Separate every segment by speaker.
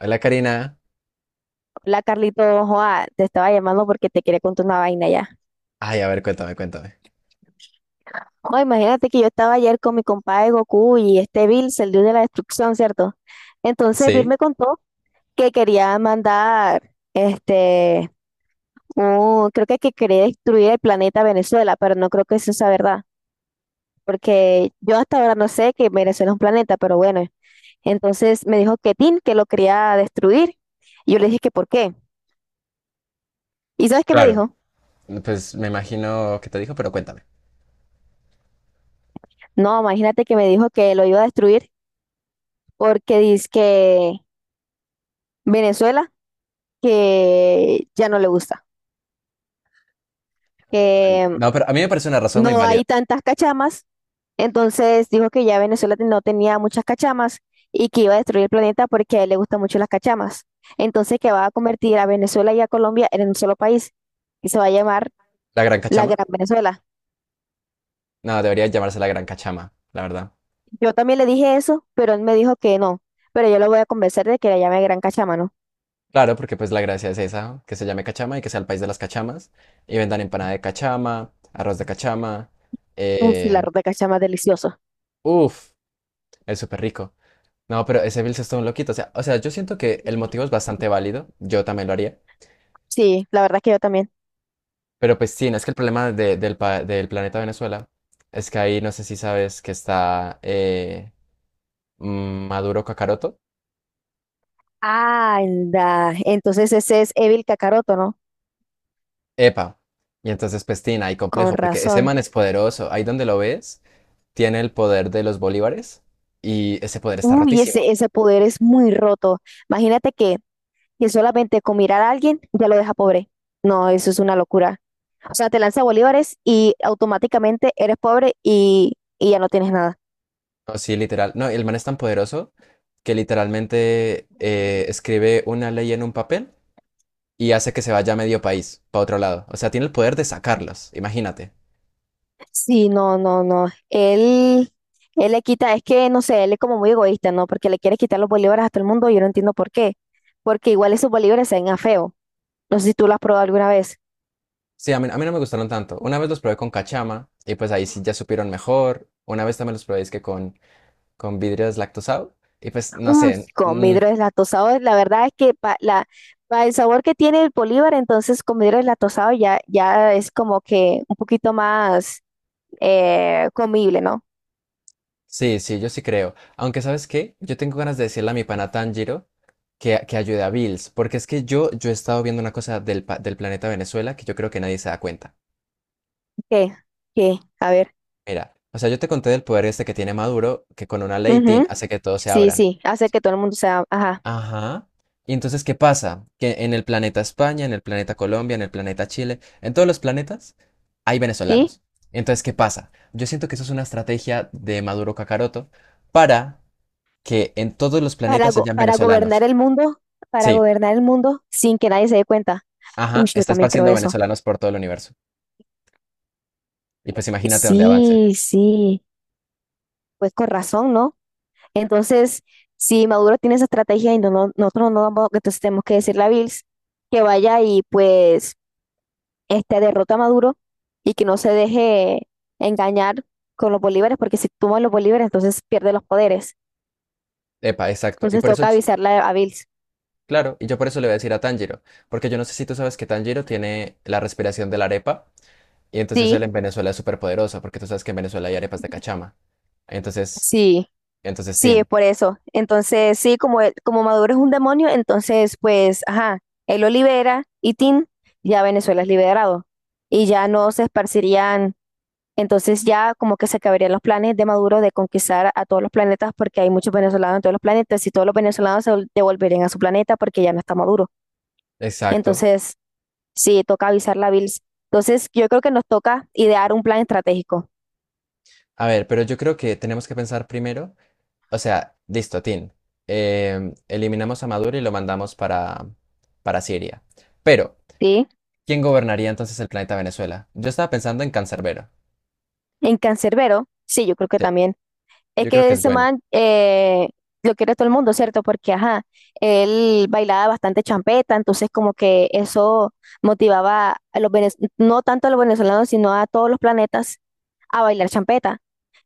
Speaker 1: Hola Karina.
Speaker 2: Hola Carlito, joa, te estaba llamando porque te quería contar una vaina ya.
Speaker 1: Ay, a ver, cuéntame, cuéntame.
Speaker 2: Joa, imagínate que yo estaba ayer con mi compadre Goku y este Bills, el dios de la destrucción, ¿cierto? Entonces Bill
Speaker 1: Sí,
Speaker 2: me contó que quería mandar, creo que quería destruir el planeta Venezuela, pero no creo que eso sea verdad, porque yo hasta ahora no sé que Venezuela es un planeta, pero bueno. Entonces me dijo que Tin, que lo quería destruir. Y yo le dije que por qué. ¿Y sabes qué me
Speaker 1: claro.
Speaker 2: dijo?
Speaker 1: Pues me imagino que te dijo, pero cuéntame.
Speaker 2: No, imagínate que me dijo que lo iba a destruir porque dice que Venezuela, que ya no le gusta, que
Speaker 1: No, pero a mí me parece una razón muy
Speaker 2: no
Speaker 1: válida.
Speaker 2: hay tantas cachamas, entonces dijo que ya Venezuela no tenía muchas cachamas y que iba a destruir el planeta porque a él le gustan mucho las cachamas. Entonces que va a convertir a Venezuela y a Colombia en un solo país y se va a llamar
Speaker 1: ¿La Gran
Speaker 2: la
Speaker 1: Cachama?
Speaker 2: Gran Venezuela.
Speaker 1: No, debería llamarse la Gran Cachama, la verdad.
Speaker 2: Yo también le dije eso, pero él me dijo que no, pero yo lo voy a convencer de que la llame Gran Cachama, ¿no?
Speaker 1: Claro, porque pues la gracia es esa, que se llame Cachama y que sea el país de las cachamas. Y vendan empanada de cachama, arroz de cachama.
Speaker 2: Uf, el
Speaker 1: Eh,
Speaker 2: arroz de cachama es delicioso.
Speaker 1: Uf, es súper rico. No, pero ese Bills es todo un loquito. O sea, yo siento que el motivo es bastante válido. Yo también lo haría.
Speaker 2: Sí, la verdad es que yo también.
Speaker 1: Pero pues sí, no es que el problema del planeta Venezuela es que ahí no sé si sabes que está Maduro Kakaroto.
Speaker 2: Anda, entonces ese es Evil Kakaroto, ¿no?
Speaker 1: Epa. Y entonces pues tiene ahí
Speaker 2: Con
Speaker 1: complejo, porque ese man
Speaker 2: razón.
Speaker 1: es poderoso. Ahí donde lo ves, tiene el poder de los bolívares y ese poder está
Speaker 2: Uy, ese,
Speaker 1: rotísimo.
Speaker 2: ese poder es muy roto. Imagínate que solamente con mirar a alguien ya lo deja pobre. No, eso es una locura. O sea, te lanza bolívares y automáticamente eres pobre y ya no tienes nada.
Speaker 1: No, sí, literal. No, el man es tan poderoso que literalmente escribe una ley en un papel y hace que se vaya medio país, para otro lado. O sea, tiene el poder de sacarlos, imagínate.
Speaker 2: Sí, no, no, no. Él le quita, es que no sé, él es como muy egoísta, ¿no? Porque le quiere quitar los bolívares a todo el mundo y yo no entiendo por qué. Porque igual esos bolívares se ven a feo. No sé si tú lo has probado alguna vez.
Speaker 1: Sí, a mí no me gustaron tanto. Una vez los probé con cachama y pues ahí sí ya supieron mejor. Una vez también los probé es que con vidrio deslactosado y pues no
Speaker 2: Uy,
Speaker 1: sé.
Speaker 2: con vidrio deslactosado, la verdad es que pa el sabor que tiene el Bolívar, entonces con vidrio deslactosado ya es como que un poquito más comible, ¿no?
Speaker 1: Sí, yo sí creo. Aunque ¿sabes qué? Yo tengo ganas de decirle a mi pana Tanjiro que ayude a Bills, porque es que yo he estado viendo una cosa del planeta Venezuela que yo creo que nadie se da cuenta.
Speaker 2: ¿Qué? ¿Qué? A ver.
Speaker 1: Mira, o sea, yo te conté del poder este que tiene Maduro, que con una ley, tin,
Speaker 2: Ujú.
Speaker 1: hace que todos se
Speaker 2: Sí,
Speaker 1: abran.
Speaker 2: sí, hace que todo el mundo sea, ajá,
Speaker 1: Ajá. Y entonces, ¿qué pasa? Que en el planeta España, en el planeta Colombia, en el planeta Chile, en todos los planetas hay
Speaker 2: ¿sí?
Speaker 1: venezolanos. Entonces, ¿qué pasa? Yo siento que eso es una estrategia de Maduro Cacaroto para que en todos los
Speaker 2: Para,
Speaker 1: planetas hayan
Speaker 2: para gobernar
Speaker 1: venezolanos.
Speaker 2: el mundo, para
Speaker 1: Sí,
Speaker 2: gobernar el mundo sin que nadie se dé cuenta. Uy,
Speaker 1: ajá,
Speaker 2: yo
Speaker 1: está
Speaker 2: también creo
Speaker 1: esparciendo
Speaker 2: eso.
Speaker 1: venezolanos por todo el universo. Y pues imagínate dónde avance.
Speaker 2: Sí, sí, pues con razón, ¿no? Entonces, si Maduro tiene esa estrategia y no, nosotros no vamos, entonces tenemos que decirle a Bills que vaya y pues este, derrota a Maduro y que no se deje engañar con los bolívares, porque si toma los bolívares, entonces pierde los poderes.
Speaker 1: Epa, exacto.
Speaker 2: Entonces toca avisarle a Bills.
Speaker 1: Claro, y yo por eso le voy a decir a Tanjiro, porque yo no sé si tú sabes que Tanjiro tiene la respiración de la arepa. Y entonces él
Speaker 2: Sí,
Speaker 1: en Venezuela es súper poderoso, porque tú sabes que en Venezuela hay arepas de cachama. Entonces,
Speaker 2: sí,
Speaker 1: entonces,
Speaker 2: sí, es
Speaker 1: Tin.
Speaker 2: por eso. Entonces, sí, como, como Maduro es un demonio, entonces pues, ajá, él lo libera y Tin, ya Venezuela es liberado. Y ya no se esparcirían. Entonces ya como que se acabarían los planes de Maduro de conquistar a todos los planetas porque hay muchos venezolanos en todos los planetas y todos los venezolanos se devolverían a su planeta porque ya no está Maduro.
Speaker 1: Exacto.
Speaker 2: Entonces, sí, toca avisar la Bills. Entonces, yo creo que nos toca idear un plan estratégico,
Speaker 1: A ver, pero yo creo que tenemos que pensar primero, o sea, listo, Tin. Eliminamos a Maduro y lo mandamos para Siria. Pero,
Speaker 2: ¿sí?
Speaker 1: ¿quién gobernaría entonces el planeta Venezuela? Yo estaba pensando en Cancerbero.
Speaker 2: En Cancerbero, sí, yo creo que
Speaker 1: Sí,
Speaker 2: también. Es
Speaker 1: yo creo
Speaker 2: que
Speaker 1: que es
Speaker 2: ese
Speaker 1: bueno.
Speaker 2: man lo quiere todo el mundo, ¿cierto? Porque, ajá, él bailaba bastante champeta, entonces como que eso motivaba a los no tanto a los venezolanos, sino a todos los planetas a bailar champeta.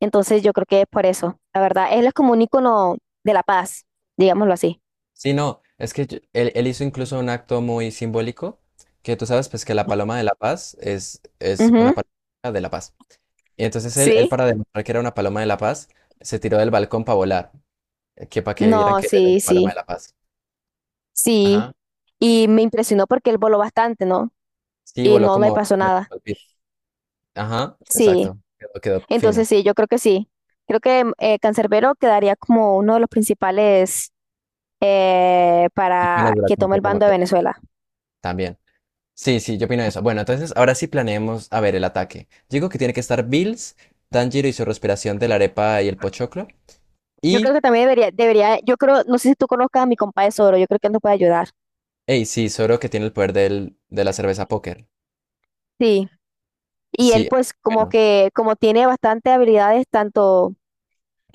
Speaker 2: Entonces yo creo que es por eso, la verdad. Él es como un ícono de la paz, digámoslo así.
Speaker 1: Sí, no, es que él, hizo incluso un acto muy simbólico, que tú sabes, pues que la paloma de la paz es una
Speaker 2: Ujú.
Speaker 1: paloma de la paz. Y entonces él,
Speaker 2: Sí,
Speaker 1: para demostrar que era una paloma de la paz, se tiró del balcón para volar, que para que vieran
Speaker 2: no,
Speaker 1: que era
Speaker 2: sí,
Speaker 1: una paloma de
Speaker 2: sí,
Speaker 1: la paz. Ajá.
Speaker 2: sí. Y me impresionó porque él voló bastante, ¿no?
Speaker 1: Sí,
Speaker 2: Y
Speaker 1: voló
Speaker 2: no le
Speaker 1: como
Speaker 2: pasó
Speaker 1: tres metros
Speaker 2: nada.
Speaker 1: al piso. Ajá,
Speaker 2: Sí,
Speaker 1: exacto. Quedó fino.
Speaker 2: entonces sí, yo creo que sí. Creo que Cancerbero quedaría como uno de los principales
Speaker 1: Y con la
Speaker 2: para que
Speaker 1: duración
Speaker 2: tome
Speaker 1: que
Speaker 2: el
Speaker 1: estamos
Speaker 2: bando de
Speaker 1: viendo
Speaker 2: Venezuela.
Speaker 1: también. Sí, sí, yo opino eso. Bueno, entonces ahora sí planeemos, a ver, el ataque. Digo que tiene que estar Bills, Tanjiro y su respiración de la arepa y el pochoclo.
Speaker 2: Yo creo
Speaker 1: Y,
Speaker 2: que también debería, yo creo, no sé si tú conozcas a mi compa de Soro, yo creo que él nos puede ayudar.
Speaker 1: hey, sí, Zoro que tiene el poder de la cerveza póker.
Speaker 2: Sí. Y él
Speaker 1: Sí,
Speaker 2: pues como
Speaker 1: bueno,
Speaker 2: que, como tiene bastante habilidades, tanto,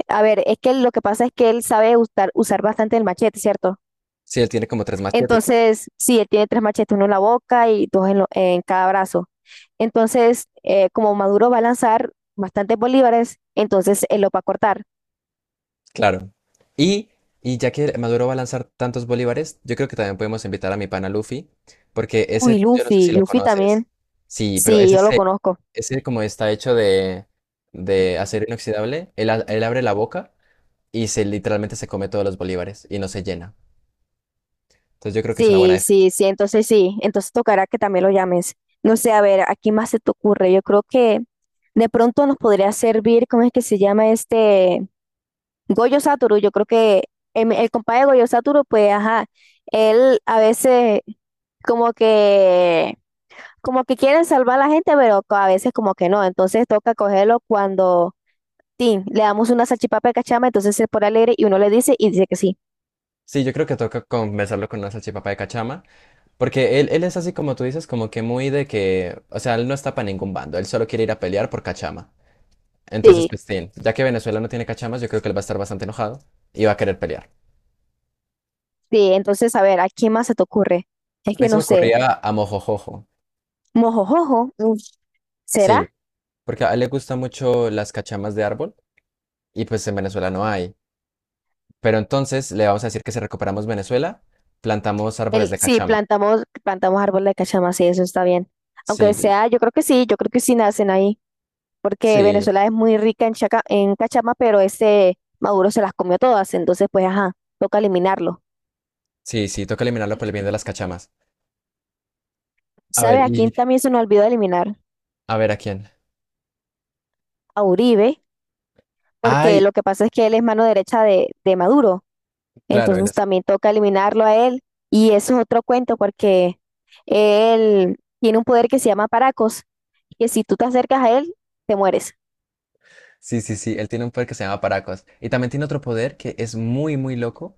Speaker 2: a ver, es que lo que pasa es que él sabe usar bastante el machete, ¿cierto?
Speaker 1: sí, él tiene como tres machetes.
Speaker 2: Entonces, sí, él tiene tres machetes, uno en la boca y dos en, en cada brazo. Entonces, como Maduro va a lanzar bastantes bolívares, entonces él lo va a cortar.
Speaker 1: Claro. Y, y ya que Maduro va a lanzar tantos bolívares, yo creo que también podemos invitar a mi pana Luffy, porque
Speaker 2: Uy,
Speaker 1: ese, yo no sé si
Speaker 2: Luffy,
Speaker 1: lo
Speaker 2: Luffy
Speaker 1: conoces.
Speaker 2: también,
Speaker 1: Sí, pero
Speaker 2: sí, yo lo conozco.
Speaker 1: ese como está hecho de acero inoxidable, él abre la boca y se literalmente se come todos los bolívares y no se llena. Entonces yo creo que es una buena
Speaker 2: Sí,
Speaker 1: defensa.
Speaker 2: sí, sí, entonces tocará que también lo llames. No sé, a ver, ¿a quién más se te ocurre? Yo creo que de pronto nos podría servir, ¿cómo es que se llama este? Goyo Satoru, yo creo que compadre de Goyo Satoru, pues, ajá, él a veces como que, como que quiere salvar a la gente, pero a veces como que no, entonces toca cogerlo cuando, sí, le damos una salchipapa de cachama, entonces se pone alegre y uno le dice y dice que sí.
Speaker 1: Sí, yo creo que toca conversarlo con una salchipapa de cachama, porque él es así como tú dices, como que muy de que, o sea, él no está para ningún bando, él solo quiere ir a pelear por cachama. Entonces,
Speaker 2: Sí,
Speaker 1: pues, sí. Ya que Venezuela no tiene cachamas, yo creo que él va a estar bastante enojado y va a querer pelear.
Speaker 2: sí, entonces, a ver, ¿a quién más se te ocurre? Es
Speaker 1: A mí
Speaker 2: que
Speaker 1: se
Speaker 2: no
Speaker 1: me
Speaker 2: sé.
Speaker 1: ocurría a Mojojojo,
Speaker 2: Mojojojo, mm, ¿será?
Speaker 1: sí, porque a él le gustan mucho las cachamas de árbol y pues en Venezuela no hay. Pero entonces le vamos a decir que si recuperamos Venezuela, plantamos árboles
Speaker 2: El,
Speaker 1: de
Speaker 2: sí,
Speaker 1: cachama.
Speaker 2: plantamos, plantamos árbol de cachama, sí, eso está bien.
Speaker 1: Sí,
Speaker 2: Aunque
Speaker 1: yo-
Speaker 2: sea, yo creo que sí, yo creo que sí nacen ahí, porque
Speaker 1: sí,
Speaker 2: Venezuela es muy rica en, en cachama, pero ese Maduro se las comió todas, entonces pues ajá, toca eliminarlo.
Speaker 1: Sí, toca eliminarlo por el bien de las cachamas. A
Speaker 2: ¿Sabe
Speaker 1: ver,
Speaker 2: a
Speaker 1: y
Speaker 2: quién también se nos olvidó eliminar?
Speaker 1: a ver a quién.
Speaker 2: A Uribe, porque
Speaker 1: Ay,
Speaker 2: lo que pasa es que él es mano derecha de Maduro,
Speaker 1: claro, él
Speaker 2: entonces
Speaker 1: es-
Speaker 2: también toca eliminarlo a él, y eso es otro cuento, porque él tiene un poder que se llama Paracos. Que si tú te acercas a él, te mueres.
Speaker 1: sí, Sí, él tiene un poder que se llama Paracos. Y también tiene otro poder que es muy, muy loco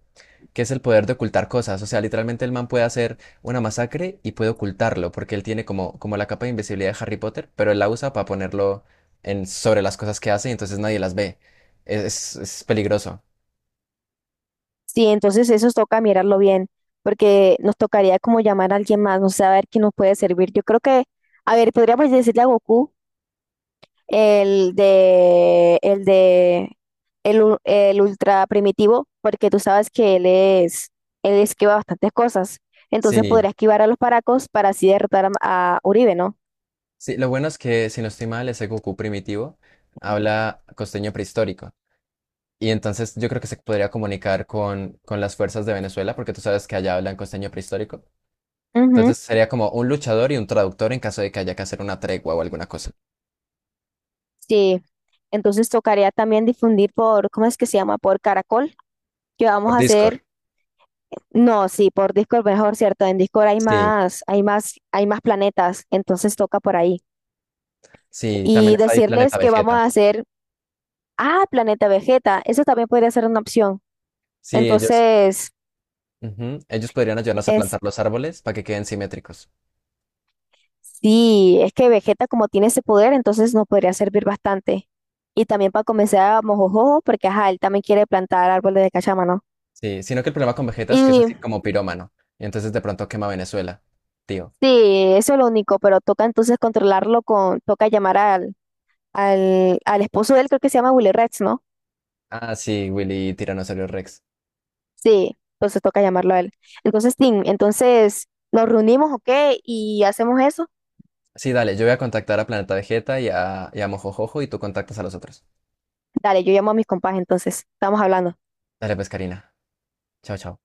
Speaker 1: que es el poder de ocultar cosas. O sea, literalmente el man puede hacer una masacre y puede ocultarlo, porque él tiene como, como la capa de invisibilidad de Harry Potter, pero él la usa para ponerlo sobre las cosas que hace y entonces nadie las ve. Es peligroso.
Speaker 2: Sí, entonces eso toca mirarlo bien, porque nos tocaría como llamar a alguien más, no sé, a ver quién nos puede servir. Yo creo que, a ver, podríamos decirle a Goku, el de, el de, el, el ultra primitivo, porque tú sabes que él es, él esquiva bastantes cosas. Entonces
Speaker 1: Sí,
Speaker 2: podría esquivar a los paracos para así derrotar a Uribe, ¿no?
Speaker 1: sí, lo bueno es que, si no estoy mal, ese Goku primitivo habla costeño prehistórico. Y entonces yo creo que se podría comunicar con las fuerzas de Venezuela, porque tú sabes que allá hablan costeño prehistórico.
Speaker 2: Ujú,
Speaker 1: Entonces sería como un luchador y un traductor en caso de que haya que hacer una tregua o alguna cosa.
Speaker 2: sí. Entonces tocaría también difundir por, ¿cómo es que se llama? Por Caracol, que vamos
Speaker 1: Por
Speaker 2: a
Speaker 1: Discord.
Speaker 2: hacer. No, sí, por Discord mejor, ¿cierto? En Discord
Speaker 1: Sí,
Speaker 2: hay más planetas, entonces toca por ahí.
Speaker 1: sí, también
Speaker 2: Y
Speaker 1: está ahí Planeta
Speaker 2: decirles que vamos
Speaker 1: Vegeta.
Speaker 2: a hacer, ah, Planeta Vegeta, eso también podría ser una opción.
Speaker 1: Sí, ellos,
Speaker 2: Entonces,
Speaker 1: ujú, ellos podrían ayudarnos a
Speaker 2: es,
Speaker 1: plantar los árboles para que queden simétricos.
Speaker 2: sí, es que Vegeta como tiene ese poder, entonces nos podría servir bastante. Y también para comenzar a Mojojojo, porque ajá, él también quiere plantar árboles de cachama, ¿no?
Speaker 1: Sí, sino que el problema con Vegeta es que es
Speaker 2: Y
Speaker 1: así como pirómano. Y entonces de pronto quema Venezuela, tío.
Speaker 2: sí, eso es lo único, pero toca entonces controlarlo con, toca llamar al esposo de él, creo que se llama Willy Rex, ¿no?
Speaker 1: Ah, sí, Willy y Tiranosaurio Rex.
Speaker 2: Sí, entonces toca llamarlo a él. Entonces, Tim, entonces nos reunimos, ¿ok? Y hacemos eso.
Speaker 1: Sí, dale, yo voy a contactar a Planeta Vegeta y a Mojojojo y tú contactas a los otros.
Speaker 2: Dale, yo llamo a mis compas, entonces estamos hablando.
Speaker 1: Dale, pues, Karina. Chao, chao.